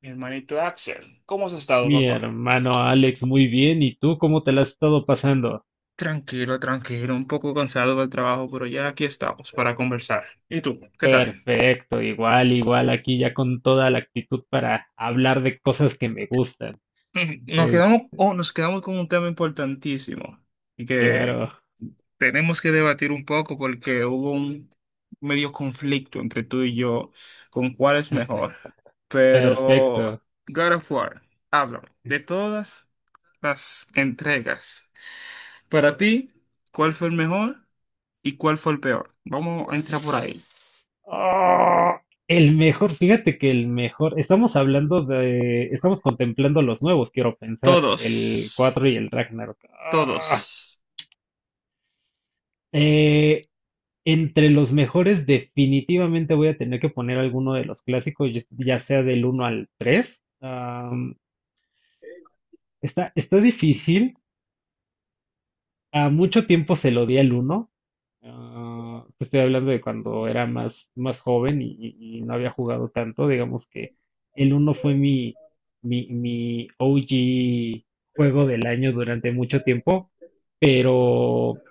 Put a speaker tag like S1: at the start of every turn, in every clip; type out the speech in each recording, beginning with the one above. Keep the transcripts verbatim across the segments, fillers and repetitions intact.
S1: Mi hermanito Axel, ¿cómo has estado,
S2: Mi
S1: papá?
S2: hermano Alex, muy bien. ¿Y tú cómo te la has estado pasando?
S1: Tranquilo, tranquilo, un poco cansado del trabajo, pero ya aquí estamos para conversar. ¿Y tú, qué tal?
S2: Perfecto, igual, igual, aquí ya con toda la actitud para hablar de cosas que me gustan.
S1: Ujú, nos
S2: Es
S1: quedamos, oh, nos quedamos con un tema importantísimo y que
S2: claro,
S1: tenemos que debatir un poco porque hubo un medio conflicto entre tú y yo con cuál es mejor. Pero
S2: perfecto.
S1: God of War, háblame de todas las entregas. Para ti, ¿cuál fue el mejor? ¿Y cuál fue el peor? Vamos a entrar por ahí.
S2: Oh, el mejor, fíjate que el mejor, estamos hablando de, estamos contemplando los nuevos, quiero pensar, el
S1: Todos,
S2: cuatro y el Ragnarok. Ah,
S1: todos.
S2: eh, Entre los mejores, definitivamente voy a tener que poner alguno de los clásicos, ya ya sea del uno al tres. Am, está, está difícil. A mucho tiempo se lo di al uno. Ah, te estoy hablando de cuando era más, más joven y, y- y no había jugado tanto. Digamos que el uno fue mi, mi, mi O G juego del año durante mucho tiempo, pero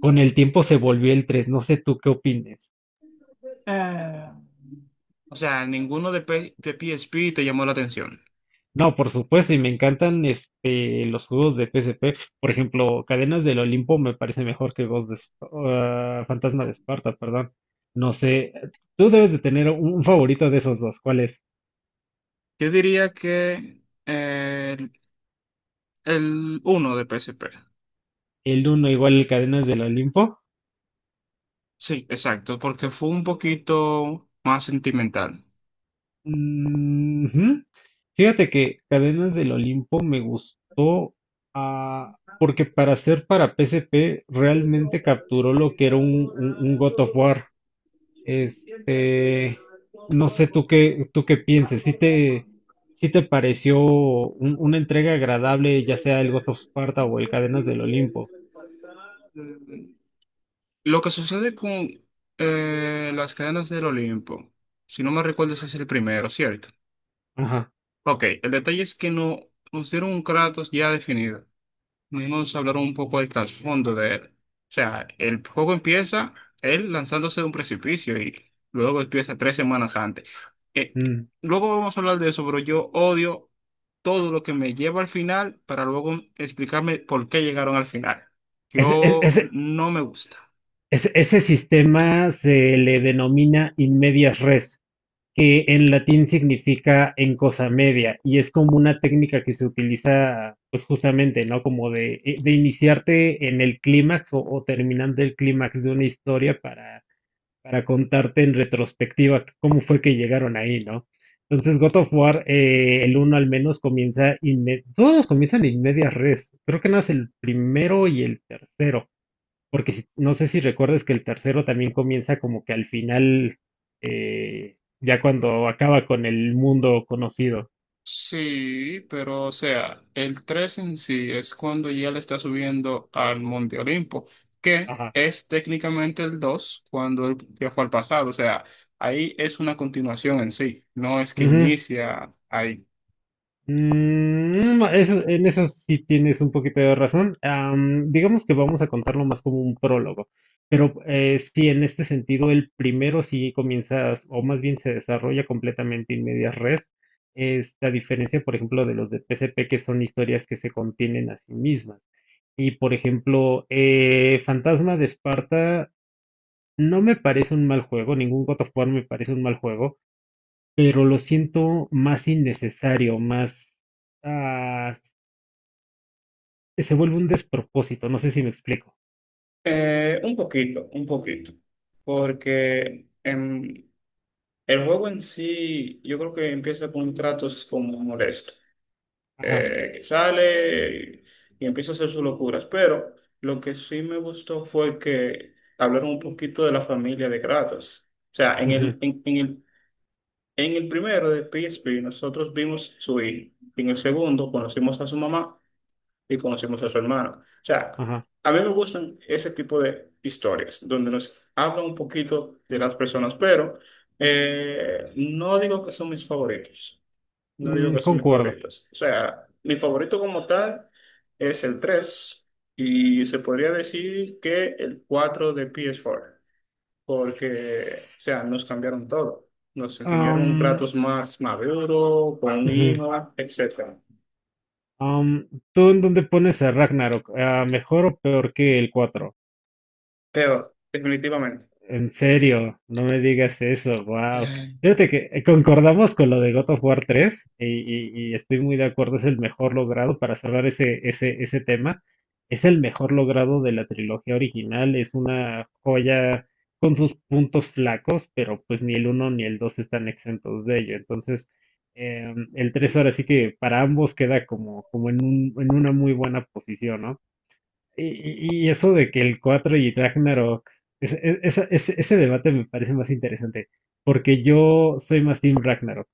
S2: con el tiempo se volvió el tres. No sé tú qué opines.
S1: Eh, o sea, ninguno de, P- de P S P te llamó la atención.
S2: No, por supuesto, y me encantan este los juegos de P S P. Por ejemplo, Cadenas del Olimpo me parece mejor que Ghost de Esp- ah, Fantasma de Esparta, perdón. No sé, tú debes de tener un, un favorito de esos dos. ¿Cuál es?
S1: Yo diría que eh, el, uno de P S P.
S2: ¿El uno igual el Cadenas del Olimpo?
S1: Sí, exacto, porque fue un poquito más sentimental.
S2: Mm, ujú. Fíjate que Cadenas del Olimpo me gustó, ah, porque para ser para P S P
S1: Y yo
S2: realmente capturó lo
S1: te
S2: que era un, un, un God of
S1: adorado
S2: War.
S1: y siempre
S2: Este,
S1: esperando
S2: no
S1: tu amor.
S2: sé tú qué, tú qué pienses, si te, si te pareció un- una entrega agradable, ya sea el Ghost of Sparta o el Cadenas del Olimpo.
S1: Lo que sucede con eh, las cadenas del Olimpo, si no me recuerdo, ese es el primero, ¿cierto?
S2: Ajá.
S1: Ok, el detalle es que no nos dieron un Kratos ya definido. Vamos a hablar un poco del trasfondo de él. O sea, el juego empieza él lanzándose de un precipicio y luego empieza tres semanas antes. Eh, eh,
S2: mm.
S1: Luego vamos a hablar de eso, pero yo odio todo lo que me lleva al final para luego explicarme por qué llegaron al final.
S2: Ese, es-
S1: Yo
S2: ese-
S1: no me gusta.
S2: ese- ese sistema se le denomina in medias res, que en latín significa en cosa media, y es como una técnica que se utiliza, pues justamente, ¿no? Como de, eh, de iniciarte en el clímax o, o terminando el clímax de una historia para para contarte en retrospectiva cómo fue que llegaron ahí, ¿no? Entonces, God of War, eh, el uno al menos comienza, inme- todos comienzan en media res. Creo que no es el primero y el tercero, porque si- no sé si recuerdas que el tercero también comienza como que al final, eh, ya cuando acaba con el mundo conocido.
S1: Sí, pero o sea, el tres en sí es cuando ya le está subiendo al Monte Olimpo, que
S2: Ajá.
S1: es técnicamente el dos cuando él viajó al pasado, o sea, ahí es una continuación en sí, no es que inicia ahí.
S2: Mm, no, eso- en eso sí tienes un poquito de razón. Am, digamos que vamos a contarlo más como un prólogo, pero eh, sí, en este sentido, el primero sí comienzas, o más bien se desarrolla completamente en medias res. Esta diferencia, por ejemplo, de los de P S P, que son historias que se contienen a sí mismas. Y, por ejemplo, eh, Fantasma de Esparta no me parece un mal juego, ningún God of War me parece un mal juego, pero lo siento más innecesario, más ah, que se vuelve un despropósito, no sé si me explico.
S1: Eh, un poquito, un poquito, porque em, el juego en sí yo creo que empieza con un Kratos como molesto.
S2: Ajá,
S1: Eh, que sale y empieza a hacer sus locuras. Pero lo que sí me gustó fue que hablaron un poquito de la familia de Kratos. O sea, en
S2: ujú,
S1: el, en, en el, en el primero de P S P nosotros vimos su hijo. En el segundo conocimos a su mamá y conocimos a su hermano. O sea,
S2: ajá,
S1: a mí me gustan ese tipo de historias donde nos hablan un poquito de las personas, pero eh, no digo que son mis favoritos. No digo
S2: mm,
S1: que son mis
S2: concuerdo.
S1: favoritos. O sea, mi favorito como tal es el tres y se podría decir que el cuatro de P S cuatro, porque, o sea, nos cambiaron todo. Nos enseñaron un
S2: Am,
S1: Kratos más maduro, con un
S2: ujú,
S1: hijo, etcétera.
S2: am, ¿tú en dónde pones a Ragnarok? Ah, ¿mejor o peor que el cuatro?
S1: Pero, definitivamente.
S2: En serio, no me digas eso, wow.
S1: Eh,
S2: Fíjate que eh, concordamos con lo de God of War tres y, y- y estoy muy de acuerdo, es el mejor logrado para cerrar ese, ese, ese tema. Es el mejor logrado de la trilogía original, es una joya con sus puntos flacos, pero pues ni el uno ni el dos están exentos de ello. Entonces, em, el tres ahora sí que para ambos queda como, como en un, en una muy buena posición, ¿no? Y, y- y eso de que el cuatro y Ragnarok, ese, e- esa, ese- ese debate me parece más interesante, porque yo soy más Team Ragnarok,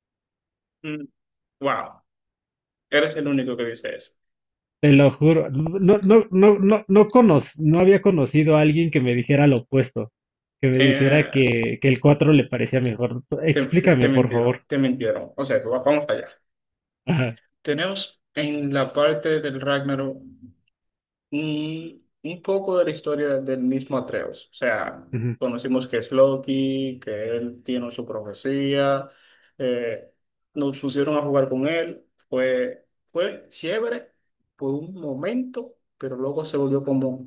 S1: Mm, Wow, eres el único que dice eso.
S2: te lo juro, no, no, no, no, no, conoz- no había conocido a alguien que me dijera lo opuesto, que me dijera
S1: Eh,
S2: que, que el cuatro le parecía mejor.
S1: te, te- Te
S2: Explícame, por
S1: mintieron,
S2: favor.
S1: te mintieron. O sea, va- vamos allá.
S2: Ajá.
S1: Tenemos en la parte del Ragnarok y, y poco de la historia del mismo Atreus. O sea,
S2: Ujú.
S1: conocimos que es Loki, que él tiene su profecía, eh, nos pusieron a jugar con él, fue, fue chévere por un momento, pero luego se volvió como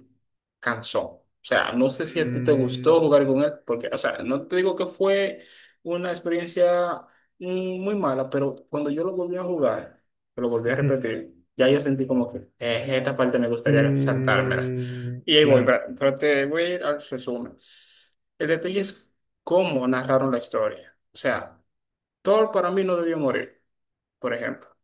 S1: cansón. O sea, no sé si a ti te gustó
S2: Mm,
S1: jugar con él, porque, o sea, no te digo que fue una experiencia mm, muy mala, pero cuando yo lo volví a jugar, lo volví a
S2: ujú.
S1: repetir. Ya yo sentí como que eh, esta parte me gustaría saltármela.
S2: Mm,
S1: Y ahí voy,
S2: claro.
S1: pero pero te voy a ir al resumen. El detalle es cómo narraron la historia. O sea, Thor para mí no debió morir, por ejemplo.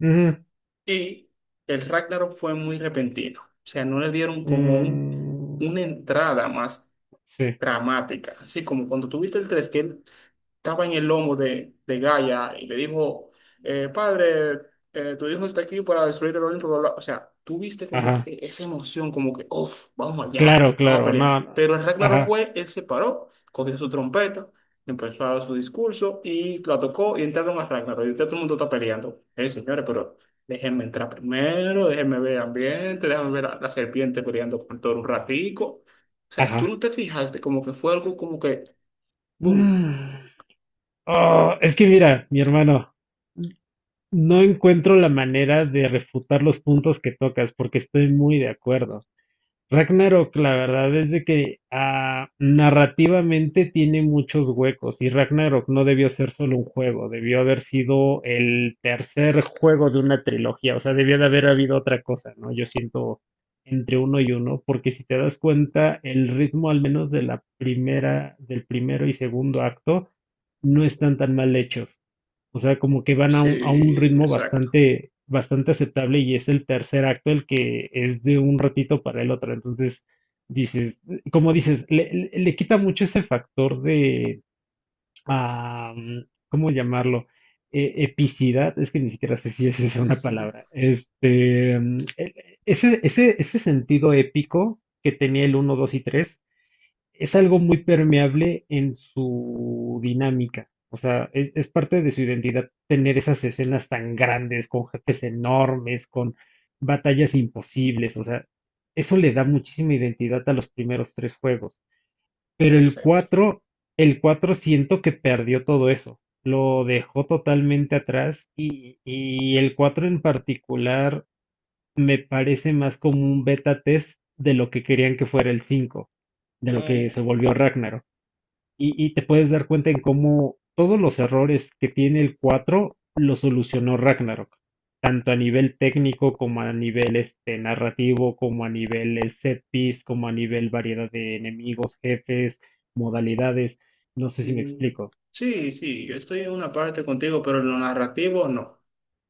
S2: Ujú.
S1: Y el Ragnarok fue muy repentino. O sea, no le dieron como un,
S2: Mm,
S1: una entrada más
S2: sí.
S1: dramática, así como cuando tuviste el tres, que él estaba en el lomo de, de Gaia y le dijo, eh, padre, eh, tu hijo está aquí para destruir el Olimpo, bla, bla. O sea, tuviste como
S2: Ajá.
S1: e- esa emoción, como que, uff, vamos allá,
S2: Claro,
S1: vamos a
S2: claro.
S1: pelear.
S2: No. no.
S1: Pero el Ragnarok
S2: Ajá.
S1: fue, él se paró, cogió su trompeta, empezó a dar su discurso y la tocó y entraron a Ragnarok. Y ahorita todo el mundo está peleando. Eh, señores, pero déjenme entrar primero, déjenme ver el ambiente, déjenme ver a la serpiente peleando con todo un ratico. O sea, tú
S2: Ajá.
S1: no te fijaste, como que fue algo como que, boom.
S2: Ah, es que mira, mi hermano, no encuentro la manera de refutar los puntos que tocas porque estoy muy de acuerdo. Ragnarok, la verdad es de que ah, narrativamente tiene muchos huecos y Ragnarok no debió ser solo un juego, debió haber sido el tercer juego de una trilogía, o sea, debió de haber habido otra cosa, ¿no? Yo siento entre uno y uno, porque si te das cuenta, el ritmo al menos de la primera, del primero y segundo acto, no están tan mal hechos. O sea, como que van a un, a un
S1: Sí,
S2: ritmo
S1: exacto.
S2: bastante, bastante aceptable y es el tercer acto el que es de un ratito para el otro. Entonces, dices, como dices, le, le- le quita mucho ese factor de, ah, mm, ¿cómo llamarlo? E- epicidad, es que ni siquiera sé si esa es una palabra. Este, mm, e- ese, ese, ese sentido épico que tenía el uno, dos y tres es algo muy permeable en su dinámica. O sea, es, es parte de su identidad tener esas escenas tan grandes, con jefes enormes, con batallas imposibles. O sea, eso le da muchísima identidad a los primeros tres juegos. Pero el
S1: Exacto.
S2: cuatro, el cuatro siento que perdió todo eso. Lo dejó totalmente atrás y, y el cuatro en particular me parece más como un beta test de lo que querían que fuera el cinco, de lo que
S1: Mm,
S2: se volvió Ragnarok y, y te puedes dar cuenta en cómo todos los errores que tiene el cuatro los solucionó Ragnarok, tanto a nivel técnico como a nivel este, narrativo, como a nivel eh, set piece, como a nivel variedad de enemigos, jefes, modalidades. No sé si me
S1: mm,
S2: explico.
S1: Sí, sí, yo estoy en una parte contigo, pero en lo narrativo no.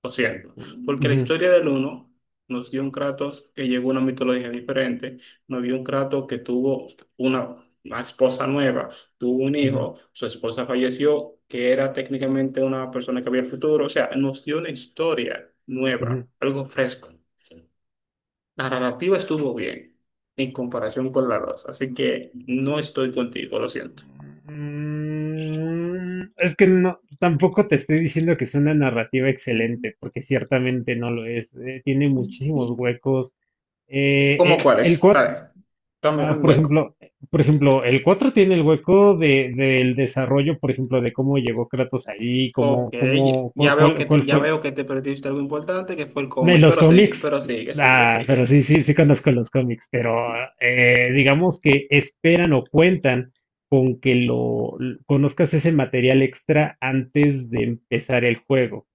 S1: Lo siento. Porque la
S2: Ujú,
S1: historia del uno nos dio un Kratos que llegó a una mitología diferente, nos dio un Kratos que tuvo una, una esposa nueva, tuvo un
S2: ujú,
S1: hijo, su esposa falleció, que era técnicamente una persona que había el futuro. O sea, nos dio una historia nueva,
S2: ujú.
S1: algo fresco. La narrativa estuvo bien en comparación con la dos así que no estoy contigo, lo siento.
S2: Mm, es que no, tampoco te estoy diciendo que es una narrativa excelente, porque ciertamente no lo es. Eh, tiene muchísimos
S1: Sí.
S2: huecos. Eh,
S1: ¿Cómo cuál
S2: el, el
S1: es? Está bien, dame
S2: Ah,
S1: un
S2: por
S1: hueco.
S2: ejemplo, eh, por ejemplo, el cuatro tiene el hueco de, del desarrollo, por ejemplo, de cómo llegó Kratos ahí,
S1: Ok,
S2: cómo, cómo,
S1: ya
S2: cu-
S1: veo
S2: cuál,
S1: que
S2: cuál,
S1: te, ya
S2: fue.
S1: veo que te perdiste algo importante que fue el
S2: En
S1: cómic,
S2: los
S1: pero sigue,
S2: cómics,
S1: pero sigue, sigue,
S2: ah, pero
S1: sigue.
S2: sí, sí, sí conozco los cómics, pero eh, digamos que esperan o cuentan con que lo l- conozcas ese material extra antes de empezar el juego.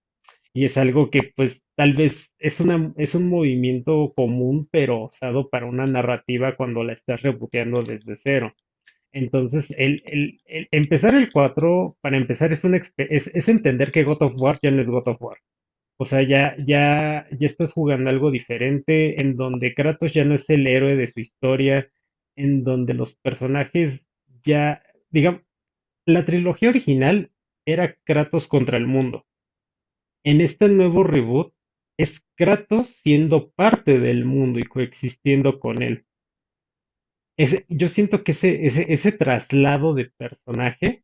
S2: Y es algo que, pues, tal vez es una, es un movimiento común, pero usado para una narrativa cuando la estás reboteando desde cero. Entonces, el, el- el- empezar el cuatro para empezar, es, una, expe- es, es entender que God of War ya no es God of War. O sea, ya, ya, ya estás jugando algo diferente, en donde Kratos ya no es el héroe de su historia, en donde los personajes ya, digamos, la trilogía original era Kratos contra el mundo. En este nuevo reboot es Kratos siendo parte del mundo y coexistiendo con él. Ese- yo siento que ese, ese, ese traslado de personaje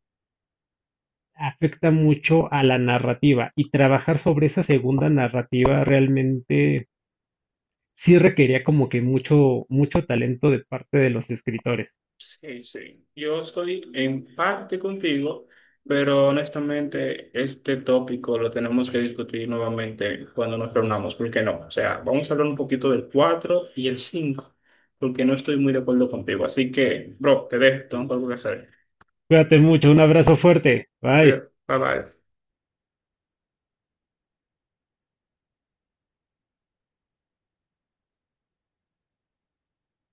S2: afecta mucho a la narrativa y trabajar sobre esa segunda narrativa realmente sí requería como que mucho, mucho talento de parte de los escritores.
S1: Sí, sí. Yo estoy en parte contigo, pero honestamente este tópico lo tenemos que discutir nuevamente cuando nos reunamos, porque no? O sea, vamos a hablar un poquito del cuatro y el cinco, porque no estoy muy de acuerdo contigo. Así que, bro, te dejo, tengo algo que hacer.
S2: Cuídate mucho, un abrazo fuerte. Bye.
S1: Cuida- Bye bye.